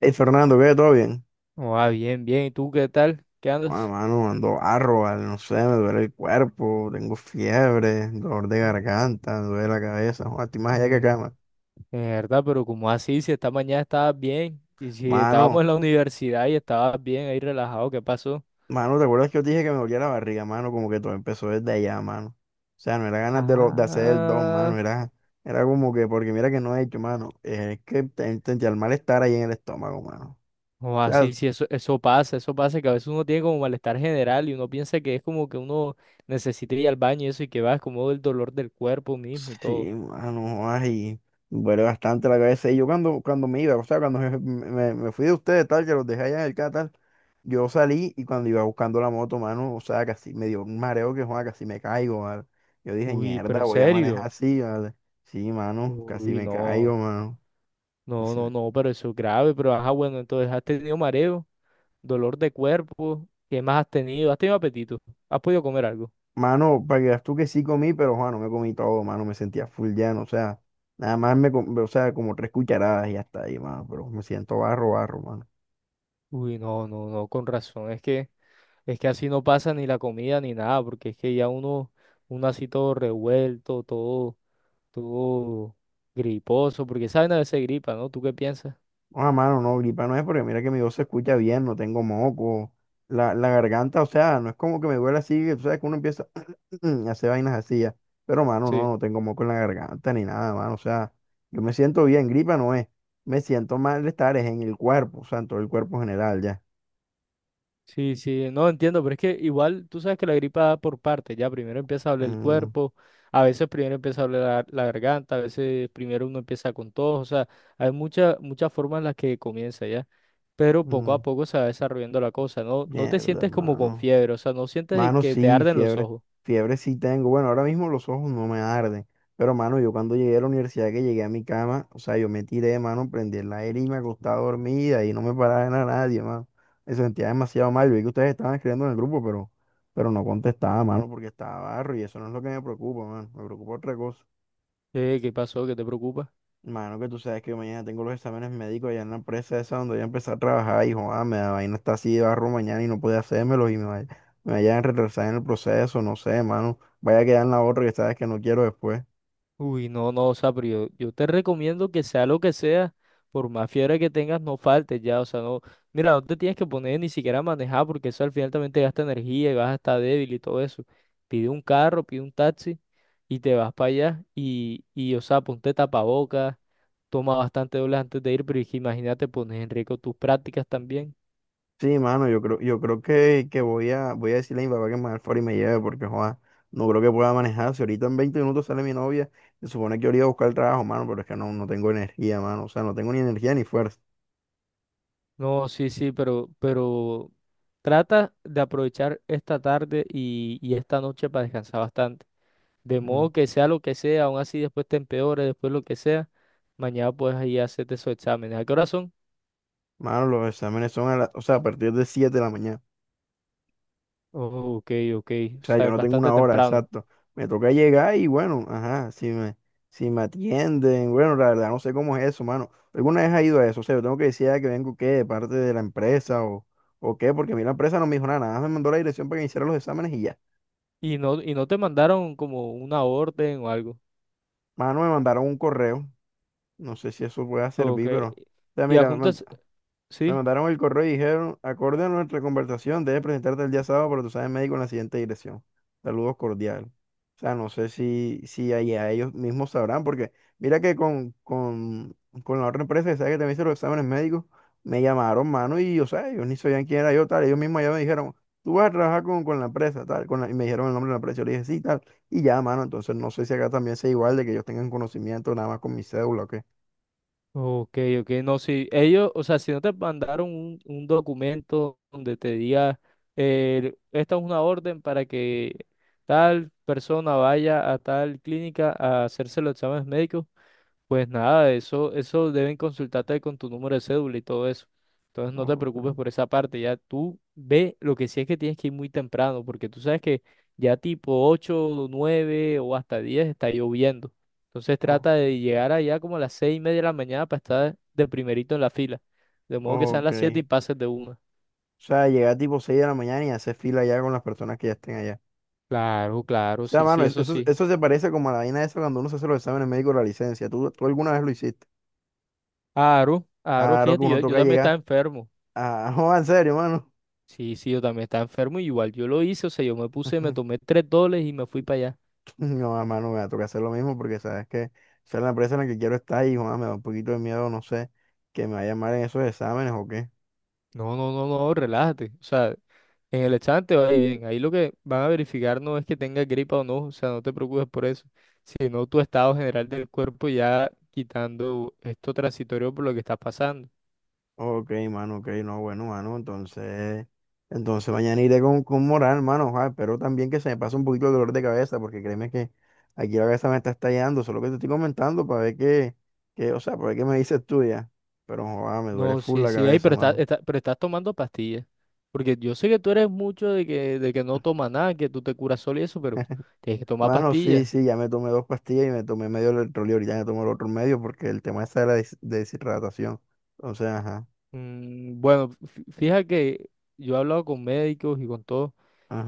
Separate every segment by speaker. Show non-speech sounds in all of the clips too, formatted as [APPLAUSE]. Speaker 1: Hey Fernando, ¿qué? ¿Todo bien?
Speaker 2: Oh, ah, bien, bien. ¿Y tú qué tal? ¿Qué
Speaker 1: Ah,
Speaker 2: andas?
Speaker 1: mano, ando arroba, no sé, me duele el cuerpo, tengo fiebre, dolor de garganta, me duele la cabeza, joder, estoy más allá que
Speaker 2: Eh,
Speaker 1: acá, mano.
Speaker 2: de verdad, pero como así, si esta mañana estabas bien y si estábamos
Speaker 1: Mano,
Speaker 2: en la universidad y estabas bien ahí relajado, ¿qué pasó?
Speaker 1: mano, ¿te acuerdas que yo te dije que me dolía la barriga, mano? Como que todo empezó desde allá, mano. O sea, no era ganas de, de hacer el don,
Speaker 2: Ah,
Speaker 1: mano, era como que, porque mira que no he hecho, mano, es que sentía el malestar ahí en el estómago, mano.
Speaker 2: o así, sí, eso, eso pasa, que a veces uno tiene como malestar general y uno piensa que es como que uno necesita ir al baño y eso y que va, es como el dolor del cuerpo mismo y todo.
Speaker 1: Sí, mano, ay, duele bastante la cabeza. Y yo cuando me iba, o sea, cuando [LAUGHS] me fui de ustedes, tal, que los dejé allá en el Catal, yo salí y cuando iba buscando la moto, mano, o sea, casi me dio un mareo que, joder, casi me caigo, ¿vale? Yo dije,
Speaker 2: Uy, pero
Speaker 1: mierda,
Speaker 2: en
Speaker 1: voy a manejar
Speaker 2: serio.
Speaker 1: así, ¿vale? Sí, mano, casi
Speaker 2: Uy,
Speaker 1: me caigo,
Speaker 2: no,
Speaker 1: mano.
Speaker 2: no,
Speaker 1: Casi
Speaker 2: no,
Speaker 1: me-
Speaker 2: no, pero eso es grave, pero ajá, bueno, entonces has tenido mareo. Dolor de cuerpo. ¿Qué más has tenido? ¿Has tenido apetito? ¿Has podido comer algo?
Speaker 1: Mano, para que veas tú que sí comí, pero, Juan, no me comí todo, mano, me sentía full lleno, o sea, nada más o sea, como tres cucharadas y hasta ahí, mano, pero me siento barro, barro, mano.
Speaker 2: Uy, no, no, no, con razón. Es que así no pasa ni la comida ni nada, porque es que ya uno así todo revuelto, todo griposo, porque saben a veces gripa, ¿no? ¿Tú qué piensas?
Speaker 1: Ah, mano, no, gripa no es porque mira que mi voz se escucha bien, no tengo moco. La garganta, o sea, no es como que me duele así, que tú sabes que uno empieza [CLEARS THROAT] a hacer vainas así ya. Pero, mano,
Speaker 2: Sí.
Speaker 1: no tengo moco en la garganta ni nada, mano. O sea, yo me siento bien, gripa no es. Me siento malestar es en el cuerpo, o sea, en todo el cuerpo general ya.
Speaker 2: Sí, sí, no entiendo, pero es que igual tú sabes que la gripa da por partes, ya primero empieza a doler el
Speaker 1: Mm,
Speaker 2: cuerpo, a veces primero empieza a doler la garganta, a veces primero uno empieza con tos, o sea, hay muchas muchas formas en las que comienza ya, pero poco a
Speaker 1: mm,
Speaker 2: poco se va desarrollando la cosa, no no te
Speaker 1: mierda,
Speaker 2: sientes como con
Speaker 1: mano.
Speaker 2: fiebre, o sea, no sientes
Speaker 1: Mano,
Speaker 2: que te
Speaker 1: sí,
Speaker 2: arden los
Speaker 1: fiebre.
Speaker 2: ojos.
Speaker 1: Fiebre sí tengo. Bueno, ahora mismo los ojos no me arden. Pero, mano, yo cuando llegué a la universidad, que llegué a mi cama, o sea, yo me tiré, mano, prendí el aire y me acostaba dormida y no me paraba de nada nadie, mano. Me sentía demasiado mal. Yo vi que ustedes estaban escribiendo en el grupo, pero no contestaba, mano, porque estaba barro y eso no es lo que me preocupa, mano. Me preocupa otra cosa.
Speaker 2: ¿Qué pasó? ¿Qué te preocupa?
Speaker 1: Mano, que tú sabes que mañana tengo los exámenes médicos allá en la empresa esa donde voy a empezar a trabajar y joder, me da vaina está así de barro mañana y no puede hacérmelos y me vayan a retrasar en el proceso, no sé, mano. Vaya a quedar en la otra que sabes que no quiero después.
Speaker 2: Uy, no, no, o sea, pero yo te recomiendo que sea lo que sea, por más fiebre que tengas, no faltes ya, o sea, no, mira, no te tienes que poner ni siquiera a manejar porque eso al final también te gasta energía y vas a estar débil y todo eso. Pide un carro, pide un taxi y te vas para allá y, o sea, ponte tapabocas, toma bastante dobles antes de ir, pero es que imagínate, pones en riesgo tus prácticas también.
Speaker 1: Sí, mano, yo creo que voy a decirle a mi papá que me haga el favor y me lleve porque joder, no creo que pueda manejar. Si ahorita en 20 minutos sale mi novia, se supone que yo iría a buscar el trabajo, mano, pero es que no tengo energía, mano. O sea, no tengo ni energía ni fuerza.
Speaker 2: No, sí, sí, pero trata de aprovechar esta tarde y esta noche para descansar bastante. De
Speaker 1: Mm.
Speaker 2: modo que sea lo que sea, aún así después te empeores, después lo que sea, mañana puedes ir a hacerte esos exámenes. ¿A qué hora son?
Speaker 1: Mano, los exámenes son o sea, a partir de 7 de la mañana.
Speaker 2: Oh, ok, ok,
Speaker 1: O
Speaker 2: o
Speaker 1: sea,
Speaker 2: sea,
Speaker 1: yo
Speaker 2: es
Speaker 1: no tengo
Speaker 2: bastante
Speaker 1: una hora,
Speaker 2: temprano.
Speaker 1: exacto. Me toca llegar y bueno, ajá, si me atienden, bueno, la verdad no sé cómo es eso, mano. ¿Alguna vez ha ido a eso? O sea, yo tengo que decir ah, que vengo qué, de parte de la o qué, porque a mí la empresa no me dijo nada, nada más me mandó la dirección para que hiciera los exámenes y ya.
Speaker 2: Y no te mandaron como una orden o algo.
Speaker 1: Mano, me mandaron un correo, no sé si eso pueda
Speaker 2: Ok.
Speaker 1: servir, pero, o sea,
Speaker 2: Y
Speaker 1: mira,
Speaker 2: adjuntas,
Speaker 1: me
Speaker 2: sí.
Speaker 1: mandaron el correo y dijeron, acorde a nuestra conversación, debes presentarte el día sábado para tu examen médico en la siguiente dirección. Saludos cordiales. O sea, no sé si ahí a ellos mismos sabrán, porque mira que con la otra empresa que sabe que también hice los exámenes médicos, me llamaron, mano, y o sea, ellos ni sabían quién era yo, tal. Ellos mismos ya me dijeron, tú vas a trabajar con la empresa, tal, con la- y me dijeron el nombre de la empresa. Yo le dije, sí, tal. Y ya, mano, entonces no sé si acá también sea igual de que ellos tengan conocimiento nada más con mi cédula o qué.
Speaker 2: Ok, ok, no, sí. Ellos, o sea, si no te mandaron un documento donde te diga, esta es una orden para que tal persona vaya a tal clínica a hacerse los exámenes médicos. Pues nada, eso deben consultarte con tu número de cédula y todo eso. Entonces no te
Speaker 1: Ok.
Speaker 2: preocupes por esa parte, ya tú ve, lo que sí es que tienes que ir muy temprano, porque tú sabes que ya tipo 8, 9 o hasta 10 está lloviendo. Entonces
Speaker 1: Oh,
Speaker 2: trata de llegar allá como a las 6:30 de la mañana para estar de primerito en la fila. De modo que sean
Speaker 1: ok.
Speaker 2: las 7 y pases de una.
Speaker 1: O sea, llegar tipo 6 de la mañana y hacer fila ya con las personas que ya estén allá.
Speaker 2: Claro,
Speaker 1: O
Speaker 2: claro,
Speaker 1: sea,
Speaker 2: sí,
Speaker 1: mano,
Speaker 2: sí,
Speaker 1: eso,
Speaker 2: eso
Speaker 1: eso,
Speaker 2: sí.
Speaker 1: eso se parece como a la vaina esa cuando uno se hace los exámenes médicos de la licencia. ¿Tú, ¿alguna vez lo hiciste?
Speaker 2: Aro, Aro,
Speaker 1: Claro que
Speaker 2: fíjate,
Speaker 1: uno
Speaker 2: yo
Speaker 1: toca
Speaker 2: también estaba
Speaker 1: llegar
Speaker 2: enfermo.
Speaker 1: a... [LAUGHS] No, en serio, mano.
Speaker 2: Sí, sí, yo también estaba enfermo y igual yo lo hice, o sea, yo me puse, me
Speaker 1: [LAUGHS]
Speaker 2: tomé $3 y me fui para allá.
Speaker 1: No, mano, me va a tocar hacer lo mismo porque sabes que esa es la empresa en la que quiero estar y, joder, me da un poquito de miedo, no sé, que me vaya mal en esos exámenes o qué.
Speaker 2: No, no, no, no, relájate. O sea, en el examen te va a ir bien. Ahí lo que van a verificar no es que tengas gripa o no, o sea, no te preocupes por eso, sino tu estado general del cuerpo ya quitando esto transitorio por lo que estás pasando.
Speaker 1: Ok, mano, ok, no, bueno, mano, entonces mañana iré con moral, mano, ojalá, pero también que se me pase un poquito el dolor de cabeza, porque créeme que aquí la cabeza me está estallando, solo que te estoy comentando para ver o sea, para ver qué me dices tú ya, pero joder, me duele
Speaker 2: No,
Speaker 1: full
Speaker 2: sí,
Speaker 1: la
Speaker 2: sí, ey,
Speaker 1: cabeza,
Speaker 2: pero
Speaker 1: mano.
Speaker 2: pero estás tomando pastillas. Porque yo sé que tú eres mucho de que no tomas nada, que tú te curas solo y eso, pero tienes que tomar
Speaker 1: Mano,
Speaker 2: pastillas.
Speaker 1: sí, ya me tomé 2 pastillas y me tomé medio electrolio, ahorita me tomo el otro medio porque el tema está de la deshidratación, entonces, ajá,
Speaker 2: Bueno, fíjate que yo he hablado con médicos y con todo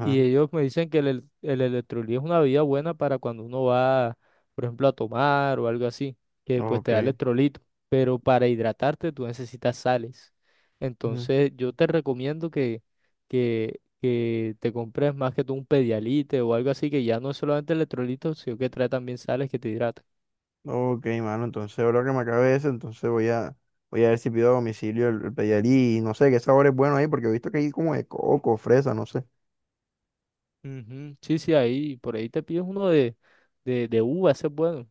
Speaker 2: y ellos me dicen que el electrolí es una bebida buena para cuando uno va, por ejemplo, a tomar o algo así, que pues
Speaker 1: ok.
Speaker 2: te da electrolito, pero para hidratarte tú necesitas sales.
Speaker 1: Ujú.
Speaker 2: Entonces, yo te recomiendo que te compres más que tú un Pedialite o algo así, que ya no es solamente electrolito, sino que trae también sales que te hidratan.
Speaker 1: Ok, mano, entonces ahora que me acabe eso, entonces voy a ver si pido a domicilio el Pedialí y no sé qué sabor es bueno ahí, porque he visto que hay como de coco, fresa, no sé.
Speaker 2: Ujú, sí, sí, ahí, por ahí te pides uno de uva, ese es bueno.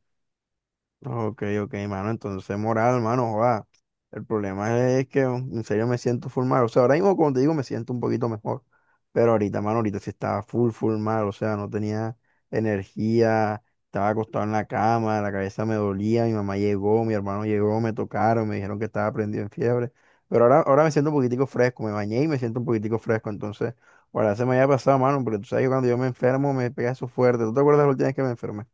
Speaker 1: Ok, ok, mano. Entonces, moral, mano, joda. El problema es que en serio me siento full mal. O sea, ahora mismo, como te digo, me siento un poquito mejor. Pero ahorita, mano, ahorita sí estaba full, full mal. O sea, no tenía energía. Estaba acostado en la cama, la cabeza me dolía. Mi mamá llegó, mi hermano llegó, me tocaron, me dijeron que estaba prendido en fiebre. Pero ahora me siento un poquitico fresco. Me bañé y me siento un poquitico fresco. Entonces, ahora se me había pasado, mano, porque tú sabes que cuando yo me enfermo me pega eso fuerte. ¿Tú te acuerdas la última vez que me enfermé?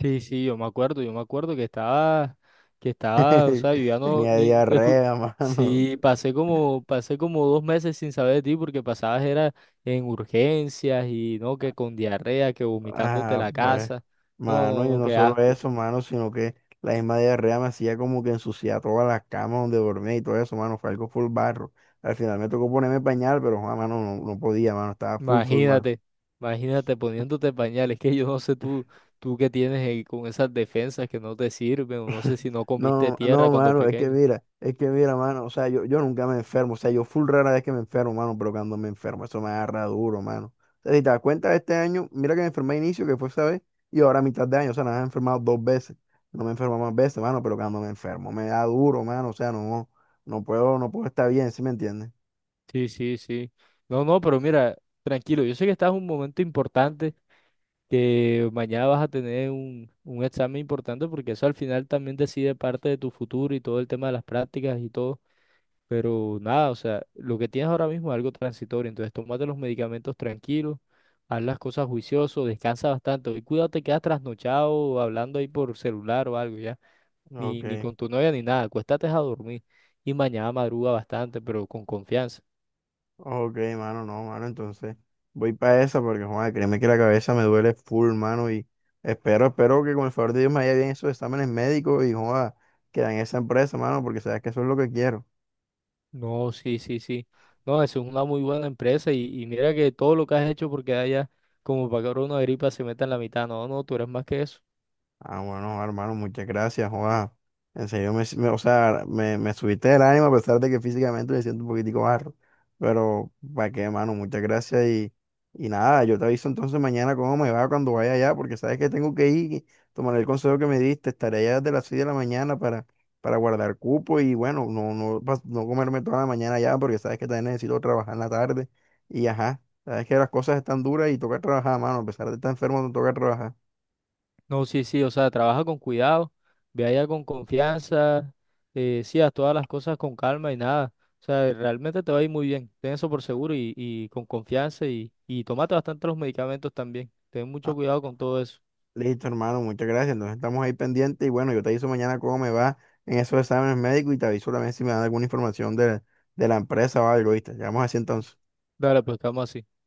Speaker 2: Sí, sí, yo me acuerdo que estaba, o
Speaker 1: [LAUGHS]
Speaker 2: sea, yo ya no,
Speaker 1: Tenía
Speaker 2: ni, escu-
Speaker 1: diarrea, mano.
Speaker 2: sí, pasé como 2 meses sin saber de ti porque pasabas era en urgencias y no, que con diarrea, que vomitándote
Speaker 1: Ah,
Speaker 2: la
Speaker 1: pues,
Speaker 2: casa, no,
Speaker 1: mano, y
Speaker 2: no, no,
Speaker 1: no
Speaker 2: qué
Speaker 1: solo
Speaker 2: asco,
Speaker 1: eso, mano, sino que la misma diarrea me hacía como que ensuciar todas las camas donde dormía y todo eso, mano. Fue algo full barro. Al final me tocó ponerme pañal, pero, ah, mano, no podía, mano. Estaba full, full mal.
Speaker 2: imagínate, imagínate poniéndote pañales, que yo no sé tú que tienes ahí con esas defensas que no te sirven, o no sé si no comiste
Speaker 1: No, no,
Speaker 2: tierra cuando
Speaker 1: mano, es que
Speaker 2: pequeño.
Speaker 1: mira, es que mira, mano, o sea, yo nunca me enfermo, o sea, yo full rara vez que me enfermo, mano, pero cuando me enfermo, eso me agarra duro, mano. O sea, si te das cuenta, este año, mira que me enfermé a inicio, que fue esa vez, y ahora a mitad de año, o sea, nada, me he enfermado 2 veces, no me enfermo más veces, mano, pero cuando me enfermo, me da duro, mano, o sea, no, no puedo estar bien, ¿sí me entiendes?
Speaker 2: Sí, sí, sí. No, no, pero mira, tranquilo, yo sé que estás en un momento importante que mañana vas a tener un examen importante porque eso al final también decide parte de tu futuro y todo el tema de las prácticas y todo. Pero nada, o sea, lo que tienes ahora mismo es algo transitorio, entonces tómate los medicamentos tranquilos, haz las cosas juicioso, descansa bastante. Hoy cuidado, te quedas trasnochado o hablando ahí por celular o algo ya, ni
Speaker 1: Ok.
Speaker 2: con tu novia ni nada, acuéstate a dormir y mañana madruga bastante, pero con confianza.
Speaker 1: Ok, mano, no, mano, entonces voy para esa porque, joder, créeme que la cabeza me duele full, mano, y espero que con el favor de Dios me haya bien esos exámenes médicos y, joder, que en esa empresa, mano, porque sabes que eso es lo que quiero.
Speaker 2: No, sí, sí, sí. No, eso es una muy buena empresa y mira que todo lo que has hecho porque haya como para que ahora una gripa se meta en la mitad. No, no, tú eres más que eso.
Speaker 1: Ah, bueno, hermano, muchas gracias, Juan. En serio, o sea, me subiste el ánimo a pesar de que físicamente me siento un poquitico barro. Pero, ¿para qué, hermano? Muchas gracias y nada, yo te aviso entonces mañana cómo me va cuando vaya allá, porque sabes que tengo que ir, y tomaré el consejo que me diste, estaré allá desde las 6 de la mañana para guardar cupo y bueno, no, no comerme toda la mañana allá, porque sabes que también necesito trabajar en la tarde y ajá, sabes que las cosas están duras y toca trabajar, mano, a pesar de estar enfermo, no toca trabajar.
Speaker 2: No, sí, sí, o sea, trabaja con cuidado, ve allá con confianza, sí, haz todas las cosas con calma y nada. O sea, realmente te va a ir muy bien. Ten eso por seguro y con confianza y tómate bastante los medicamentos también. Ten mucho cuidado con todo eso.
Speaker 1: Listo, hermano, muchas gracias. Entonces estamos ahí pendientes y bueno, yo te aviso mañana cómo me va en esos exámenes médicos y te aviso también si me dan alguna información de la empresa o algo, ¿viste? Vamos así entonces.
Speaker 2: Dale, pues estamos así.